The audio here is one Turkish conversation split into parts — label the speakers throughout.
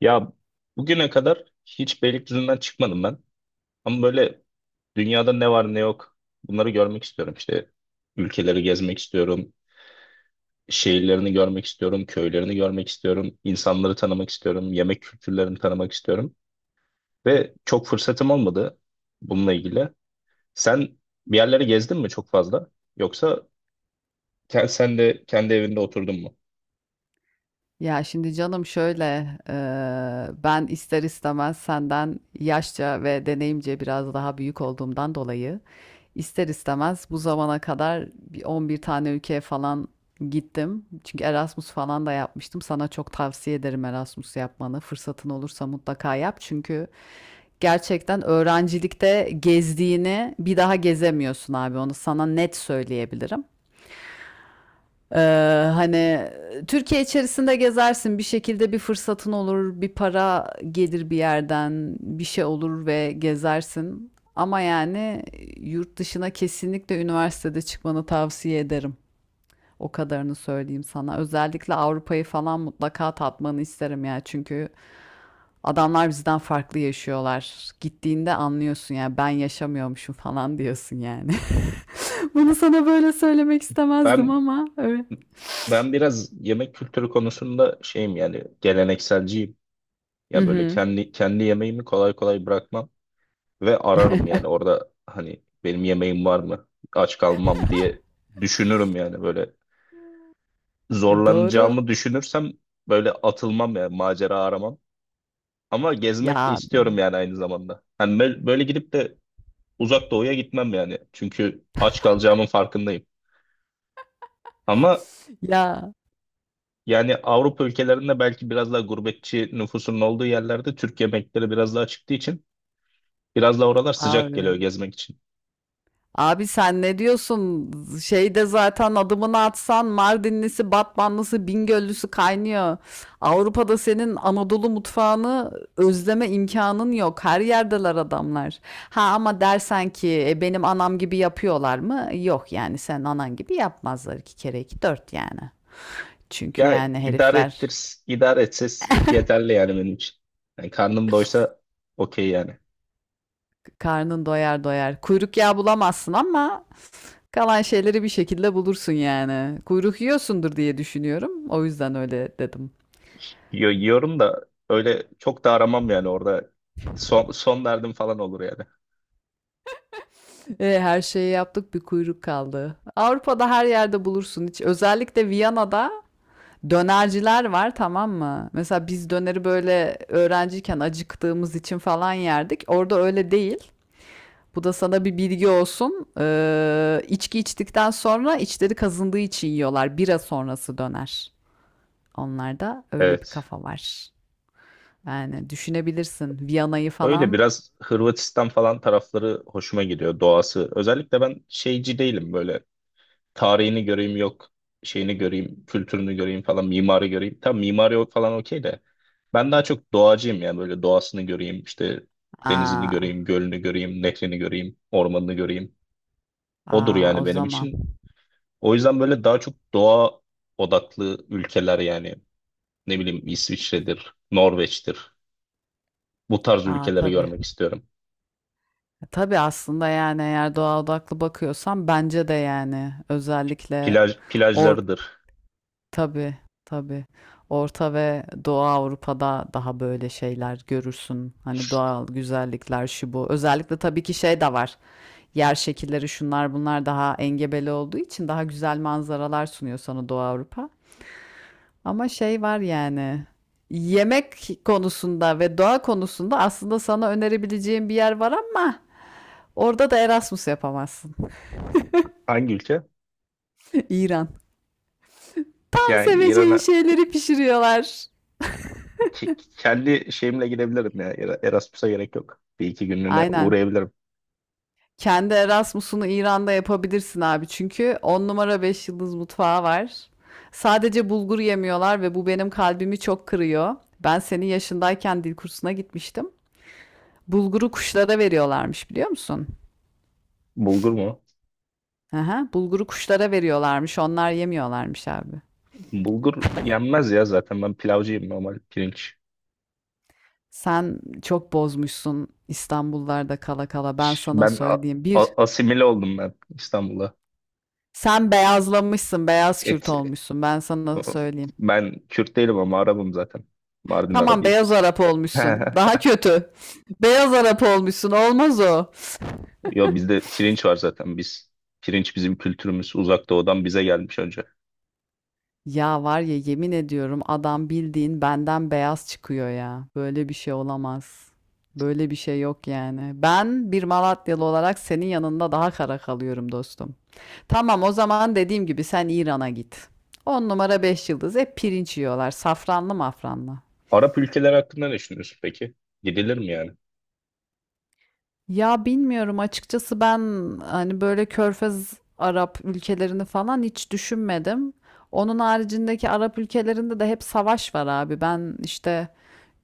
Speaker 1: Ya, bugüne kadar hiç Beylikdüzü'nden çıkmadım ben. Ama böyle dünyada ne var ne yok bunları görmek istiyorum. İşte ülkeleri gezmek istiyorum. Şehirlerini görmek istiyorum. Köylerini görmek istiyorum. İnsanları tanımak istiyorum. Yemek kültürlerini tanımak istiyorum. Ve çok fırsatım olmadı bununla ilgili. Sen bir yerlere gezdin mi çok fazla? Yoksa sen de kendi evinde oturdun mu?
Speaker 2: Ya şimdi canım şöyle, ben ister istemez senden yaşça ve deneyimce biraz daha büyük olduğumdan dolayı ister istemez bu zamana kadar bir 11 tane ülkeye falan gittim. Çünkü Erasmus falan da yapmıştım. Sana çok tavsiye ederim Erasmus yapmanı. Fırsatın olursa mutlaka yap. Çünkü gerçekten öğrencilikte gezdiğini bir daha gezemiyorsun abi. Onu sana net söyleyebilirim. Ee, hani Türkiye içerisinde gezersin bir şekilde, bir fırsatın olur, bir para gelir bir yerden, bir şey olur ve gezersin, ama yani yurt dışına kesinlikle üniversitede çıkmanı tavsiye ederim, o kadarını söyleyeyim sana. Özellikle Avrupa'yı falan mutlaka tatmanı isterim ya, çünkü adamlar bizden farklı yaşıyorlar. Gittiğinde anlıyorsun, ya ben yaşamıyormuşum falan diyorsun yani. Bunu sana böyle söylemek istemezdim,
Speaker 1: Ben
Speaker 2: ama evet.
Speaker 1: ben biraz yemek kültürü konusunda şeyim yani gelenekselciyim.
Speaker 2: Hı
Speaker 1: Ya böyle
Speaker 2: hı.
Speaker 1: kendi yemeğimi kolay kolay bırakmam ve ararım yani orada hani benim yemeğim var mı? Aç kalmam diye düşünürüm yani böyle
Speaker 2: E, doğru.
Speaker 1: zorlanacağımı düşünürsem böyle atılmam yani macera aramam. Ama
Speaker 2: Ya
Speaker 1: gezmek de istiyorum
Speaker 2: abi.
Speaker 1: yani aynı zamanda. Hani böyle gidip de uzak doğuya gitmem yani. Çünkü aç kalacağımın farkındayım. Ama
Speaker 2: Ya
Speaker 1: yani Avrupa ülkelerinde belki biraz daha gurbetçi nüfusun olduğu yerlerde Türk yemekleri biraz daha çıktığı için biraz daha oralar sıcak geliyor
Speaker 2: abi.
Speaker 1: gezmek için.
Speaker 2: Abi sen ne diyorsun? Şeyde zaten adımını atsan Mardinlisi, Batmanlısı, Bingöllüsü kaynıyor. Avrupa'da senin Anadolu mutfağını özleme imkanın yok. Her yerdeler adamlar. Ha, ama dersen ki "E, benim anam gibi yapıyorlar mı?" Yok yani, sen anan gibi yapmazlar, iki kere iki dört yani. Çünkü
Speaker 1: Ya
Speaker 2: yani
Speaker 1: idare ettir,
Speaker 2: herifler
Speaker 1: idare etsiz yeterli yani benim için. Yani karnım doysa okey yani.
Speaker 2: karnın doyar doyar. Kuyruk yağı bulamazsın, ama kalan şeyleri bir şekilde bulursun yani. Kuyruk yiyorsundur diye düşünüyorum. O yüzden öyle dedim.
Speaker 1: Yiyorum da öyle çok da aramam yani orada. Son, son derdim falan olur yani.
Speaker 2: E, her şeyi yaptık, bir kuyruk kaldı. Avrupa'da her yerde bulursun. Hiç, özellikle Viyana'da dönerciler var, tamam mı? Mesela biz döneri böyle öğrenciyken acıktığımız için falan yerdik. Orada öyle değil. Bu da sana bir bilgi olsun. İçki içtikten sonra içleri kazındığı için yiyorlar. Bira sonrası döner. Onlarda öyle bir
Speaker 1: Evet.
Speaker 2: kafa var. Yani düşünebilirsin Viyana'yı
Speaker 1: Öyle
Speaker 2: falan.
Speaker 1: biraz Hırvatistan falan tarafları hoşuma gidiyor doğası. Özellikle ben şeyci değilim böyle. Tarihini göreyim yok, şeyini göreyim, kültürünü göreyim falan, mimari göreyim. Tam mimari falan okey de. Ben daha çok doğacıyım ya böyle doğasını göreyim işte denizini
Speaker 2: Aa,
Speaker 1: göreyim, gölünü göreyim, nehrini göreyim, ormanını göreyim. Odur
Speaker 2: aa, o
Speaker 1: yani benim
Speaker 2: zaman.
Speaker 1: için. O yüzden böyle daha çok doğa odaklı ülkeler yani ne bileyim İsviçre'dir, Norveç'tir. Bu tarz
Speaker 2: Aa
Speaker 1: ülkeleri
Speaker 2: tabii.
Speaker 1: görmek istiyorum.
Speaker 2: E, tabii. Aslında yani, eğer doğa odaklı bakıyorsan, bence de yani, özellikle or
Speaker 1: Plajlarıdır.
Speaker 2: tabii tabii Orta ve Doğu Avrupa'da daha böyle şeyler görürsün. Hani doğal güzellikler, şu bu. Özellikle tabii ki şey de var. Yer şekilleri, şunlar bunlar daha engebeli olduğu için daha güzel manzaralar sunuyor sana Doğu Avrupa. Ama şey var yani. Yemek konusunda ve doğa konusunda aslında sana önerebileceğim bir yer var, ama orada da Erasmus yapamazsın.
Speaker 1: Hangi ülke?
Speaker 2: İran. Tam
Speaker 1: Yani
Speaker 2: seveceğin
Speaker 1: İran'a
Speaker 2: şeyleri pişiriyorlar.
Speaker 1: kendi şeyimle gidebilirim ya. Erasmus'a gerek yok. Bir iki günlüğüne
Speaker 2: Aynen.
Speaker 1: uğrayabilirim.
Speaker 2: Kendi Erasmus'unu İran'da yapabilirsin abi. Çünkü 10 numara 5 yıldız mutfağı var. Sadece bulgur yemiyorlar ve bu benim kalbimi çok kırıyor. Ben senin yaşındayken dil kursuna gitmiştim. Bulguru kuşlara veriyorlarmış, biliyor musun?
Speaker 1: Bulgur mu?
Speaker 2: Aha, bulguru kuşlara veriyorlarmış. Onlar yemiyorlarmış abi.
Speaker 1: Bulgur yenmez ya zaten ben pilavcıyım normal pirinç.
Speaker 2: Sen çok bozmuşsun İstanbullarda kala kala. Ben sana
Speaker 1: Ben
Speaker 2: söyleyeyim.
Speaker 1: asimile oldum ben İstanbul'a.
Speaker 2: Sen beyazlamışsın. Beyaz
Speaker 1: Et,
Speaker 2: Kürt olmuşsun. Ben sana söyleyeyim.
Speaker 1: ben Kürt değilim ama Arabım zaten. Mardin
Speaker 2: Tamam,
Speaker 1: Arabıyız
Speaker 2: beyaz
Speaker 1: biz.
Speaker 2: Arap olmuşsun. Daha kötü. Beyaz Arap olmuşsun. Olmaz o.
Speaker 1: Yo, bizde pirinç var zaten biz. Pirinç bizim kültürümüz. Uzak Doğu'dan bize gelmiş önce.
Speaker 2: Ya var ya, yemin ediyorum, adam bildiğin benden beyaz çıkıyor ya. Böyle bir şey olamaz. Böyle bir şey yok yani. Ben bir Malatyalı olarak senin yanında daha kara kalıyorum dostum. Tamam, o zaman dediğim gibi, sen İran'a git. 10 numara 5 yıldız, hep pirinç yiyorlar. Safranlı mafranlı.
Speaker 1: Arap ülkeleri hakkında ne düşünüyorsun peki? Gidilir mi yani?
Speaker 2: Ya bilmiyorum açıkçası, ben hani böyle Körfez Arap ülkelerini falan hiç düşünmedim. Onun haricindeki Arap ülkelerinde de hep savaş var abi. Ben işte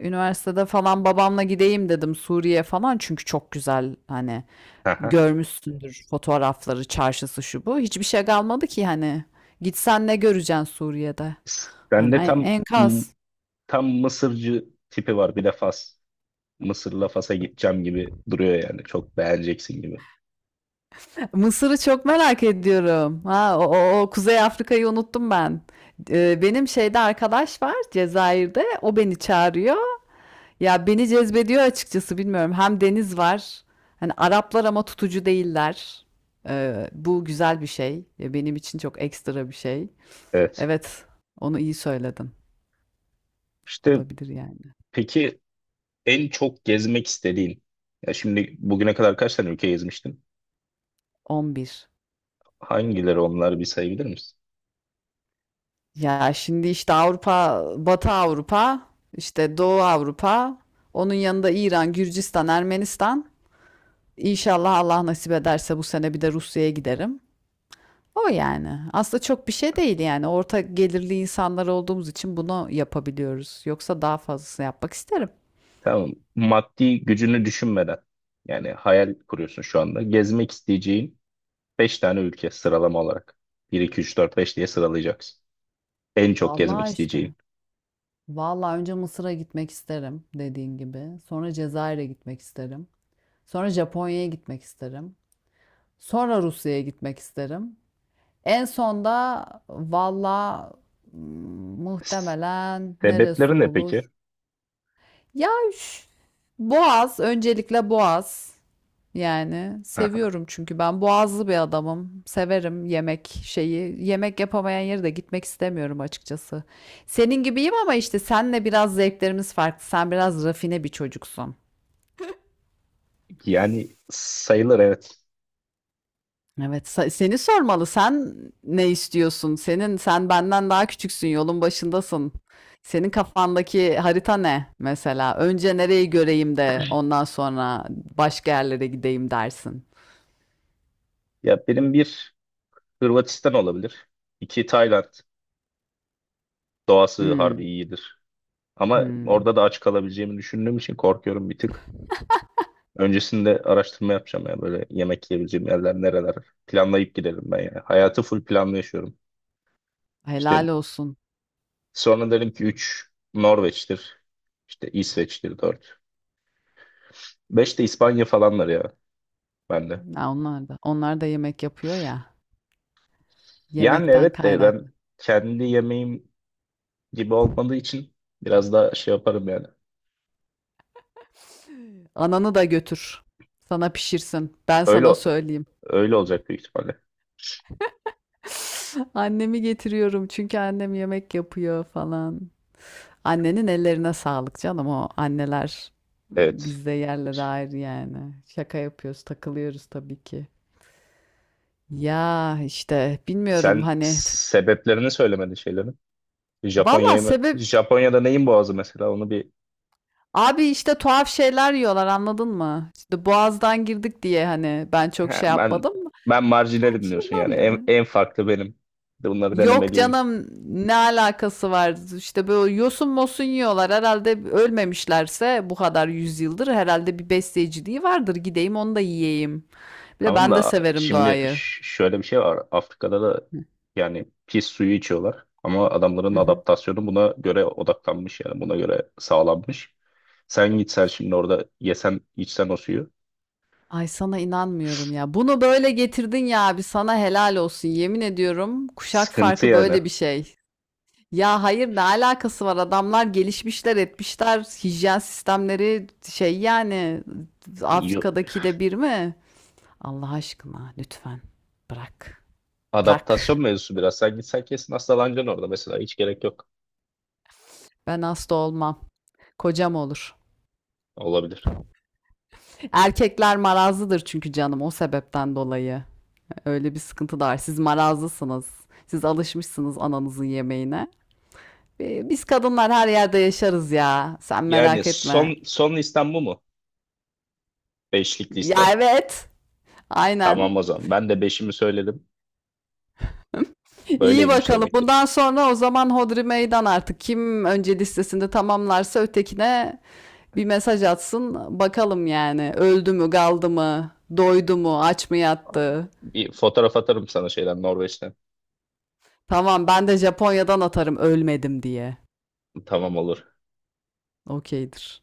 Speaker 2: üniversitede falan babamla gideyim dedim Suriye falan, çünkü çok güzel. Hani
Speaker 1: Aha.
Speaker 2: görmüşsündür fotoğrafları, çarşısı, şu bu. Hiçbir şey kalmadı ki hani. Gitsen ne göreceksin Suriye'de? Hani
Speaker 1: Sende tam
Speaker 2: enkaz.
Speaker 1: tam Mısırcı tipi var. Bir de Fas. Mısır'la Fas'a gideceğim gibi duruyor yani. Çok beğeneceksin gibi.
Speaker 2: Mısır'ı çok merak ediyorum. Ha, o Kuzey Afrika'yı unuttum ben. Benim şeyde arkadaş var Cezayir'de. O beni çağırıyor. Ya beni cezbediyor açıkçası, bilmiyorum. Hem deniz var. Hani Araplar, ama tutucu değiller. Bu güzel bir şey. Ya benim için çok ekstra bir şey.
Speaker 1: Evet.
Speaker 2: Evet, onu iyi söyledin.
Speaker 1: İşte
Speaker 2: Olabilir yani.
Speaker 1: peki, en çok gezmek istediğin. Ya şimdi bugüne kadar kaç tane ülke gezmiştin?
Speaker 2: 11.
Speaker 1: Hangileri onlar, bir sayabilir misin?
Speaker 2: Ya şimdi işte Avrupa, Batı Avrupa, işte Doğu Avrupa, onun yanında İran, Gürcistan, Ermenistan. İnşallah Allah nasip ederse bu sene bir de Rusya'ya giderim. O yani. Aslında çok bir şey değil yani. Orta gelirli insanlar olduğumuz için bunu yapabiliyoruz. Yoksa daha fazlasını yapmak isterim.
Speaker 1: Tamam. Maddi gücünü düşünmeden yani hayal kuruyorsun şu anda. Gezmek isteyeceğin beş tane ülke, sıralama olarak. Bir iki üç dört beş diye sıralayacaksın. En çok gezmek
Speaker 2: Vallahi işte.
Speaker 1: isteyeceğin.
Speaker 2: Vallahi önce Mısır'a gitmek isterim dediğin gibi. Sonra Cezayir'e gitmek isterim. Sonra Japonya'ya gitmek isterim. Sonra Rusya'ya gitmek isterim. En son da valla, mm, muhtemelen neresi
Speaker 1: Sebepleri ne peki?
Speaker 2: olur? Ya üf, Boğaz, öncelikle Boğaz. Yani seviyorum, çünkü ben boğazlı bir adamım. Severim yemek şeyi. Yemek yapamayan yere de gitmek istemiyorum açıkçası. Senin gibiyim, ama işte senle biraz zevklerimiz farklı. Sen biraz rafine bir çocuksun.
Speaker 1: Yani sayılır, evet.
Speaker 2: Evet, seni sormalı. Sen ne istiyorsun? Sen benden daha küçüksün, yolun başındasın. Senin kafandaki harita ne mesela? Önce nereyi göreyim de ondan sonra başka yerlere gideyim dersin.
Speaker 1: Ya benim bir, Hırvatistan olabilir. İki, Tayland. Doğası harbi
Speaker 2: Hmm.
Speaker 1: iyidir. Ama
Speaker 2: Hımm.
Speaker 1: orada da aç kalabileceğimi düşündüğüm için korkuyorum bir tık. Öncesinde araştırma yapacağım ya böyle, yemek yiyebileceğim yerler nereler. Planlayıp gidelim ben yani. Hayatı full planlı yaşıyorum. İşte
Speaker 2: Helal olsun.
Speaker 1: sonra derim ki, 3 Norveç'tir. İşte İsveç'tir 4. 5 de İspanya falanlar ya bende.
Speaker 2: Ya, onlar da yemek yapıyor ya,
Speaker 1: Yani
Speaker 2: yemekten
Speaker 1: evet de ben
Speaker 2: kaynaklı.
Speaker 1: kendi yemeğim gibi olmadığı için biraz daha şey yaparım yani.
Speaker 2: Ananı da götür. Sana pişirsin. Ben
Speaker 1: Öyle
Speaker 2: sana söyleyeyim.
Speaker 1: öyle olacak büyük ihtimalle.
Speaker 2: Annemi getiriyorum, çünkü annem yemek yapıyor falan. Annenin ellerine sağlık canım. O anneler, e,
Speaker 1: Evet.
Speaker 2: bizde yerleri ayrı yani. Şaka yapıyoruz, takılıyoruz tabii ki. Ya, işte bilmiyorum
Speaker 1: Sen
Speaker 2: hani.
Speaker 1: sebeplerini söylemedin şeylerin.
Speaker 2: Valla sebep
Speaker 1: Japonya'da neyin boğazı mesela, onu bir.
Speaker 2: Abi işte tuhaf şeyler yiyorlar, anladın mı? İşte Boğaz'dan girdik diye hani ben çok
Speaker 1: Ha,
Speaker 2: şey
Speaker 1: ben
Speaker 2: yapmadım mı?
Speaker 1: ben
Speaker 2: Tuhaf
Speaker 1: marjinalim diyorsun
Speaker 2: şeyler
Speaker 1: yani en,
Speaker 2: yiyorlar.
Speaker 1: en farklı benim. Bunları
Speaker 2: Yok
Speaker 1: denemeliyim.
Speaker 2: canım, ne alakası var? İşte böyle yosun mosun yiyorlar. Herhalde ölmemişlerse bu kadar yüzyıldır, herhalde bir besleyiciliği vardır. Gideyim onu da yiyeyim. Bir de
Speaker 1: Tamam
Speaker 2: ben de
Speaker 1: da
Speaker 2: severim
Speaker 1: şimdi
Speaker 2: doğayı.
Speaker 1: şöyle bir şey var. Afrika'da da
Speaker 2: Hı,
Speaker 1: yani pis suyu içiyorlar ama adamların
Speaker 2: hı hı.
Speaker 1: adaptasyonu buna göre odaklanmış yani buna göre sağlanmış. Sen gitsen şimdi orada yesen içsen o suyu,
Speaker 2: Ay, sana inanmıyorum ya. Bunu böyle getirdin ya abi, sana helal olsun. Yemin ediyorum, kuşak
Speaker 1: sıkıntı
Speaker 2: farkı
Speaker 1: yani.
Speaker 2: böyle bir şey. Ya hayır, ne alakası var? Adamlar gelişmişler, etmişler. Hijyen sistemleri şey yani,
Speaker 1: Yo-
Speaker 2: Afrika'dakiyle bir mi? Allah aşkına lütfen bırak. Bırak.
Speaker 1: Adaptasyon mevzusu biraz. Sen gitsen kesin hastalanacaksın orada mesela. Hiç gerek yok.
Speaker 2: Ben hasta olmam. Kocam olur.
Speaker 1: Olabilir.
Speaker 2: Erkekler marazlıdır çünkü canım, o sebepten dolayı. Öyle bir sıkıntı da var. Siz marazlısınız. Siz alışmışsınız ananızın yemeğine. Biz kadınlar her yerde yaşarız ya. Sen
Speaker 1: Yani
Speaker 2: merak etme.
Speaker 1: son listem bu mu? Beşlik listem.
Speaker 2: Ya evet.
Speaker 1: Tamam
Speaker 2: Aynen.
Speaker 1: o zaman. Ben de beşimi söyledim.
Speaker 2: İyi
Speaker 1: Böyleymiş
Speaker 2: bakalım.
Speaker 1: demek ki.
Speaker 2: Bundan sonra o zaman hodri meydan artık. Kim önce listesinde tamamlarsa ötekine bir mesaj atsın. Bakalım yani. Öldü mü, kaldı mı, doydu mu, aç mı yattı?
Speaker 1: Bir fotoğraf atarım sana şeyden, Norveç'ten.
Speaker 2: Tamam, ben de Japonya'dan atarım ölmedim diye.
Speaker 1: Tamam, olur.
Speaker 2: Okeydir.